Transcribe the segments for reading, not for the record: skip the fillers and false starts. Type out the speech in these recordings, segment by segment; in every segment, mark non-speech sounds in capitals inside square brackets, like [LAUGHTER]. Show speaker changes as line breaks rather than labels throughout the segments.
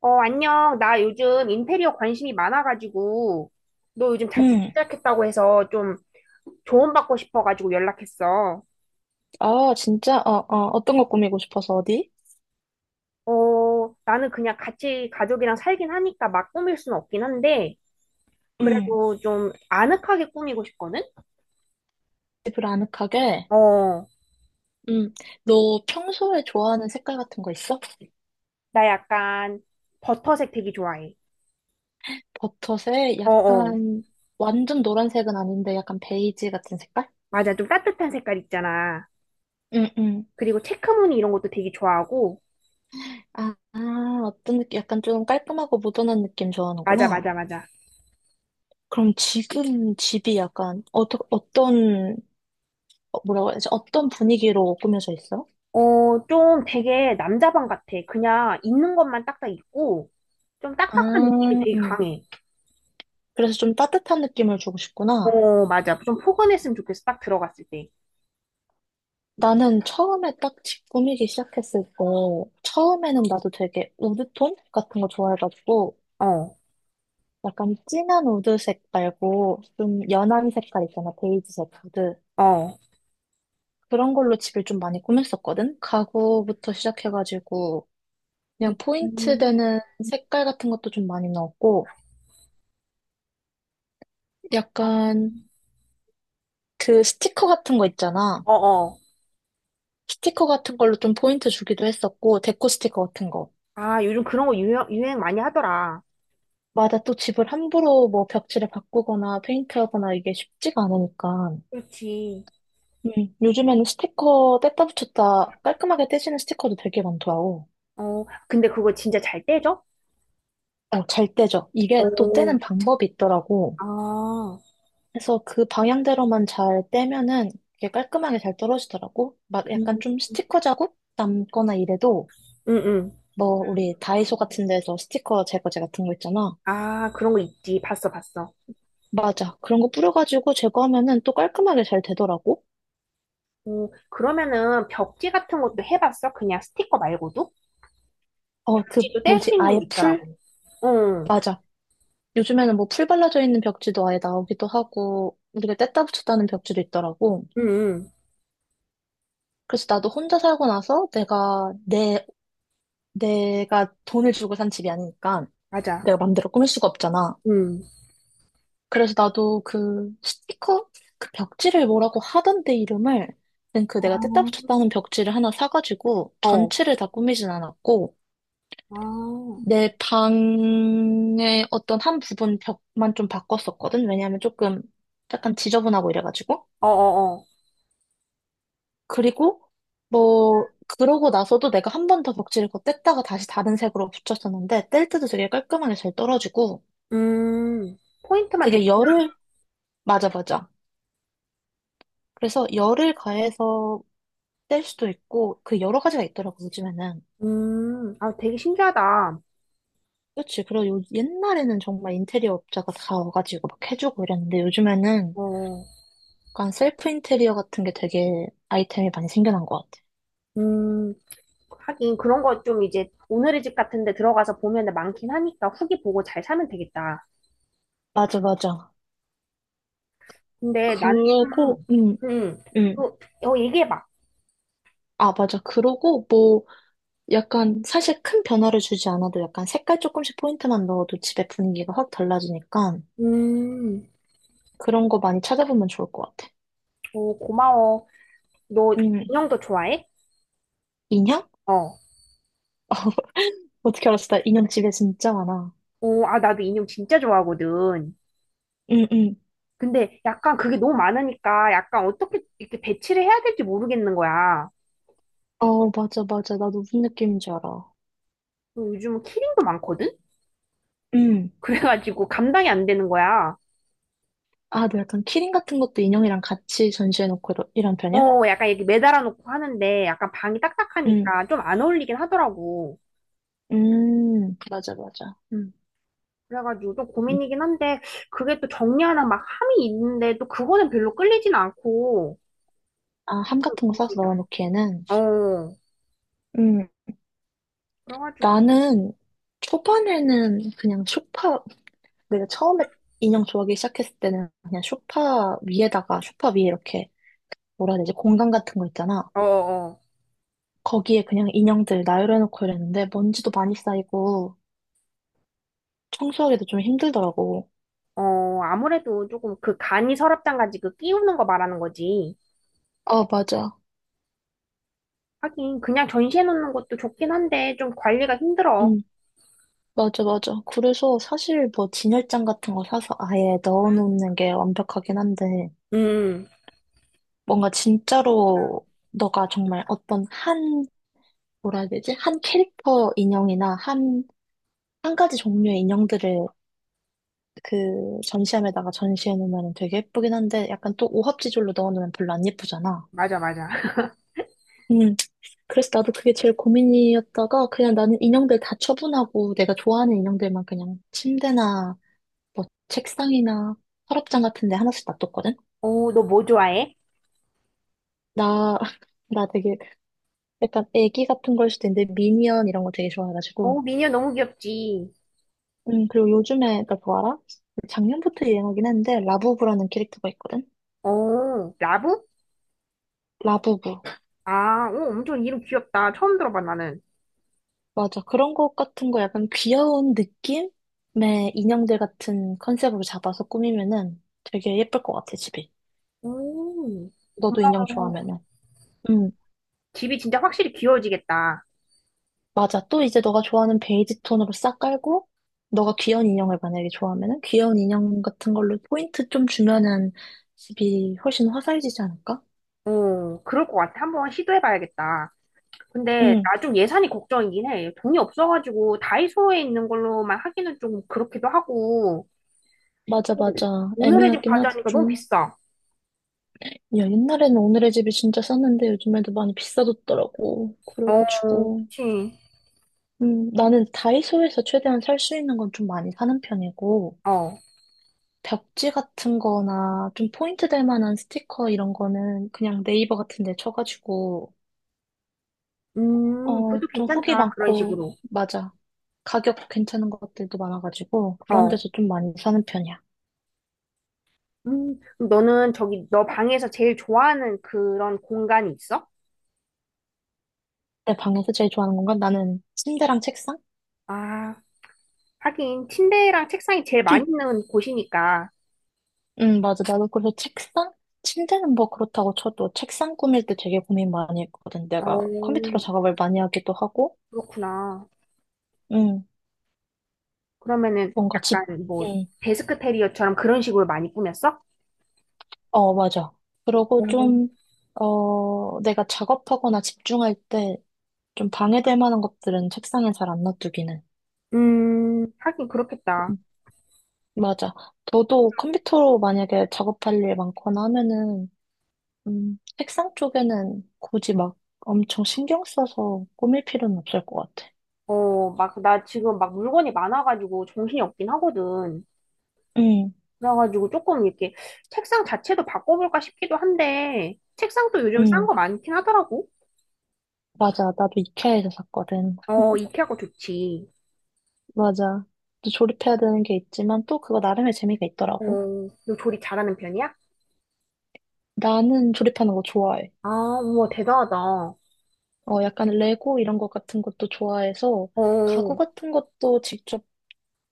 어, 안녕. 나 요즘 인테리어 관심이 많아가지고, 너 요즘 자취
응,
시작했다고 해서 좀 조언 받고 싶어가지고 연락했어.
아, 진짜? 어떤 거 꾸미고 싶어서 어디?
어, 나는 그냥 같이 가족이랑 살긴 하니까 막 꾸밀 수는 없긴 한데,
응.
그래도 좀 아늑하게 꾸미고 싶거든?
집을 아늑하게?
어,
응. 너 평소에 좋아하는 색깔 같은 거 있어?
나 약간 버터색 되게 좋아해.
버섯에
어어.
약간 완전 노란색은 아닌데 약간 베이지 같은 색깔?
맞아. 좀 따뜻한 색깔 있잖아.
응, 응.
그리고 체크무늬 이런 것도 되게 좋아하고,
아, 아, 어떤 느낌? 약간 좀 깔끔하고 모던한 느낌
맞아, 맞아,
좋아하는구나.
맞아.
그럼 지금 집이 약간 어떤 뭐라고 해야지? 어떤 분위기로 꾸며져 있어?
어, 좀 되게 남자방 같아. 그냥 있는 것만 딱딱 있고, 좀
아,
딱딱한 느낌이 되게
음.
강해.
그래서 좀 따뜻한 느낌을 주고 싶구나.
어, 맞아. 좀 포근했으면 좋겠어. 딱 들어갔을 때.
나는 처음에 딱 집 꾸미기 시작했을 때, 처음에는 나도 되게 우드톤 같은 거 좋아해가지고,
어,
약간 진한 우드색 말고, 좀 연한 색깔 있잖아, 베이지색 우드.
어.
그런 걸로 집을 좀 많이 꾸몄었거든? 가구부터 시작해가지고, 그냥 포인트
음,
되는 색깔 같은 것도 좀 많이 넣었고, 약간 그 스티커 같은 거 있잖아.
어, 어.
스티커 같은 걸로 좀 포인트 주기도 했었고, 데코 스티커 같은 거.
아, 요즘 그런 거 유행 많이 하더라.
맞아. 또 집을 함부로 뭐 벽지를 바꾸거나 페인트하거나 이게 쉽지가 않으니까.
그렇지.
요즘에는 스티커 뗐다 붙였다 깔끔하게 떼지는 스티커도 되게 많더라고.
어, 근데 그거 진짜 잘 떼져?
어, 잘 떼죠. 이게 또
어,
떼는 방법이 있더라고.
아,
그래서 그 방향대로만 잘 떼면은 이게 깔끔하게 잘 떨어지더라고. 막
음,
약간 좀 스티커 자국 남거나 이래도
응, 응.
뭐 우리 다이소 같은 데서 스티커 제거제 같은 거 있잖아.
아, 그런 거 있지. 봤어, 봤어.
맞아. 그런 거 뿌려가지고 제거하면은 또 깔끔하게 잘 되더라고.
어, 그러면은 벽지 같은 것도 해봤어? 그냥 스티커 말고도?
어, 그
벽지도 뗄
뭐지?
수 있는 거
아예 풀?
있더라고. 응,
맞아. 요즘에는 뭐 풀 발라져 있는 벽지도 아예 나오기도 하고, 우리가 뗐다 붙였다는 벽지도 있더라고.
응, 응.
그래서 나도 혼자 살고 나서 내가 돈을 주고 산 집이 아니니까
맞아.
내가 맘대로 꾸밀 수가 없잖아.
응.
그래서 나도 그 스티커? 그 벽지를 뭐라고 하던데 이름을, 아무튼 그 내가 뗐다
아,
붙였다는 벽지를 하나 사가지고
어.
전체를 다 꾸미진 않았고,
아.
내 방의 어떤 한 부분 벽만 좀 바꿨었거든. 왜냐하면 조금 약간 지저분하고 이래가지고.
어어어.
그리고 뭐 그러고 나서도 내가 한 번 더 벽지를 덧뗐다가 다시 다른 색으로 붙였었는데 뗄 때도 되게 깔끔하게 잘 떨어지고
음, 포인트만
그게
줬고.
열을. 맞아, 맞아. 그래서 열을 가해서 뗄 수도 있고 그 여러 가지가 있더라고 요즘에는.
아, 되게 신기하다.
그렇지. 그리고 옛날에는 정말 인테리어 업자가 다 와가지고 막 해주고 이랬는데 요즘에는
어,
약간 셀프 인테리어 같은 게 되게 아이템이 많이 생겨난 것 같아.
음, 하긴 그런 거 좀 이제 오늘의 집 같은 데 들어가서 보면 많긴 하니까 후기 보고 잘 사면 되겠다.
맞아, 맞아.
근데 나는
그러고
조금,
음
음, 그,
음.
어, 얘기해봐.
아, 맞아. 그러고 뭐 약간 사실 큰 변화를 주지 않아도 약간 색깔 조금씩 포인트만 넣어도 집의 분위기가 확 달라지니까
음,
그런 거 많이 찾아보면 좋을 것 같아.
어, 고마워. 너
음,
인형도 좋아해?
인형?
어,
어떻게 알았어? 나 인형 집에 진짜 많아.
어, 아, 나도 인형 진짜 좋아하거든.
응, 응.
근데 약간 그게 너무 많으니까 약간 어떻게 이렇게 배치를 해야 될지 모르겠는 거야.
어, 맞아, 맞아. 나도 무슨 느낌인지 알아.
요즘 키링도 많거든?
응.
그래가지고 감당이 안 되는 거야.
아, 너 약간 키링 같은 것도 인형이랑 같이 전시해놓고 이런 편이야?
어, 약간 이렇게 매달아 놓고 하는데 약간 방이
응.
딱딱하니까 좀 안 어울리긴 하더라고.
맞아, 맞아. 응.
그래가지고 좀 고민이긴 한데 그게 또 정리하는 막 함이 있는데 또 그거는 별로 끌리진 않고.
아, 함
또
같은 거 싸서
고민이다.
넣어놓기에는.
어,
음,
그래가지고
나는 초반에는 그냥 소파, 내가 처음에 인형 좋아하기 시작했을 때는 그냥 소파 위에다가 소파 위에 이렇게 뭐라 해야 되지 공간 같은 거 있잖아.
어, 어,
거기에 그냥 인형들 나열해놓고 이랬는데 먼지도 많이 쌓이고 청소하기도 좀 힘들더라고.
어, 아무래도 조금 그 간이 서랍장 가지그 끼우는 거 말하는 거지.
아, 맞아.
하긴 그냥 전시해 놓는 것도 좋긴 한데 좀 관리가 힘들어.
응. 맞아, 맞아. 그래서 사실 뭐 진열장 같은 거 사서 아예 넣어놓는 게 완벽하긴 한데
음,
뭔가 진짜로 너가 정말 어떤 한 뭐라 해야 되지 한 캐릭터 인형이나 한 가지 종류의 인형들을 그 전시함에다가 전시해 놓으면 되게 예쁘긴 한데 약간 또 오합지졸로 넣어 놓으면 별로 안 예쁘잖아.
맞아, 맞아. [LAUGHS]
음, 그래서 나도 그게 제일 고민이었다가 그냥 나는 인형들 다 처분하고 내가 좋아하는 인형들만 그냥 침대나 뭐 책상이나 서랍장 같은 데 하나씩 놔뒀거든?
어, 너 뭐 좋아해?
나, [LAUGHS] 나 되게 약간 애기 같은 걸 수도 있는데 미니언 이런 거 되게 좋아해가지고.
어, 미녀 너무 귀엽지.
그리고 요즘에 나 그거 알아? 작년부터 유행하긴 했는데 라부부라는 캐릭터가 있거든?
어, 라부?
라부부.
아, 오, 엄청 이름 귀엽다. 처음 들어봐, 나는.
맞아. 그런 것 같은 거 약간 귀여운 느낌의 인형들 같은 컨셉으로 잡아서 꾸미면은 되게 예쁠 것 같아, 집이.
오, 어,
너도 인형 좋아하면은. 응,
집이 진짜 확실히 귀여워지겠다.
맞아. 또 이제 너가 좋아하는 베이지 톤으로 싹 깔고, 너가 귀여운 인형을 만약에 좋아하면은 귀여운 인형 같은 걸로 포인트 좀 주면은 집이 훨씬 화사해지지 않을까?
어, 그럴 것 같아. 한번 시도해봐야겠다. 근데
응,
나 좀 예산이 걱정이긴 해. 돈이 없어가지고 다이소에 있는 걸로만 하기는 좀 그렇기도 하고.
맞아,
어,
맞아.
오늘의 집
애매하긴 하지,
과자니까 너무
좀.
비싸.
야, 옛날에는 오늘의 집이 진짜 쌌는데 요즘에도 많이 비싸졌더라고.
어,
그래가지고.
그치.
나는 다이소에서 최대한 살 수 있는 건 좀 많이 사는 편이고,
어.
벽지 같은 거나 좀 포인트 될 만한 스티커 이런 거는 그냥 네이버 같은 데 쳐가지고,
그것도
좀 후기
괜찮다. 그런
많고,
식으로.
맞아. 가격 괜찮은 것들도 많아가지고, 그런
어.
데서 좀 많이 사는 편이야.
그럼 너는 저기 너 방에서 제일 좋아하는 그런 공간이 있어?
내 방에서 제일 좋아하는 건가? 나는 침대랑 책상?
아, 하긴 침대랑 책상이 제일 많이
[CLEARS THROAT]
있는 곳이니까.
응, 맞아. 나도 그래서 책상? 침대는 뭐 그렇다고 쳐도 책상 꾸밀 때 되게 고민 많이 했거든. 내가
어,
컴퓨터로 작업을 많이 하기도 하고,
그렇구나.
응.
그러면은
뭔가 집,
약간 뭐
응,
데스크 테리어처럼 그런 식으로 많이 꾸몄어?
어, 맞아. 그러고
음.
좀, 내가 작업하거나 집중할 때 좀 방해될 만한 것들은 책상에 잘 안 놔두기는.
하긴 그렇겠다.
음, 맞아. 너도 컴퓨터로 만약에 작업할 일 많거나 하면은, 책상 쪽에는 굳이 막 엄청 신경 써서 꾸밀 필요는 없을 것 같아.
어, 막, 나 지금 막 물건이 많아가지고 정신이 없긴 하거든.
응,
그래가지고 조금 이렇게 책상 자체도 바꿔볼까 싶기도 한데, 책상도 요즘 싼
응,
거 많긴 하더라고.
맞아. 나도 이케아에서 샀거든.
어, 이케아 거 좋지.
맞아. 또 조립해야 되는 게 있지만 또 그거 나름의 재미가
어,
있더라고.
너 조리 잘하는 편이야?
나는 조립하는 거 좋아해.
아, 우와, 대단하다. 어,
어, 약간 레고 이런 것 같은 것도 좋아해서 가구 같은 것도 직접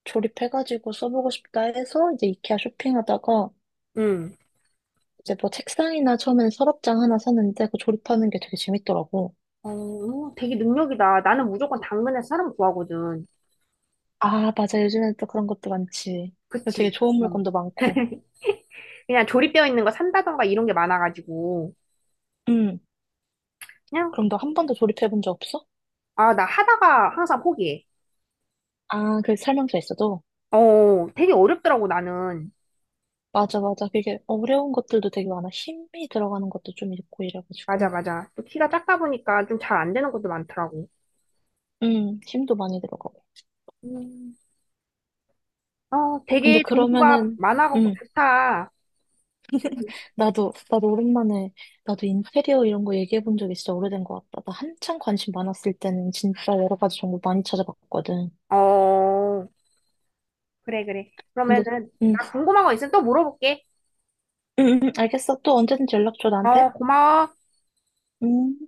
조립해가지고 써보고 싶다 해서 이제 이케아 쇼핑하다가
응.
이제 뭐 책상이나 처음엔 서랍장 하나 샀는데 그거 조립하는 게 되게 재밌더라고.
어, 되게 능력이다. 나는 무조건 당근에서 사람 구하거든.
아, 맞아. 요즘엔 또 그런 것도 많지. 그리고 되게
그치?
좋은
어.
물건도 많고.
그냥 조립되어 있는 거 산다던가 이런 게 많아가지고.
음,
그냥,
그럼 너 한 번도 조립해본 적 없어?
아, 나 하다가 항상 포기해.
아, 그 설명서 있어도?
어, 되게 어렵더라고, 나는.
맞아, 맞아. 그게 어려운 것들도 되게 많아. 힘이 들어가는 것도 좀 있고
맞아,
이래가지고.
맞아. 또 키가 작다 보니까 좀 잘 안 되는 것도 많더라고.
힘도 많이 들어가고.
음. 어,
근데
되게 정보가
그러면은,
많아갖고
음.
좋다.
나도, 나도 오랜만에, 나도 인테리어 이런 거 얘기해 본 적이 진짜 오래된 것 같다. 나 한창 관심 많았을 때는 진짜 여러 가지 정보 많이 찾아봤거든.
어, 그래, 그래.
근데,
그러면은,
응,
나 궁금한 거 있으면 또 물어볼게.
응, 응, 알겠어. 또 언제든지 연락 줘, 나한테.
어, 고마워.
응.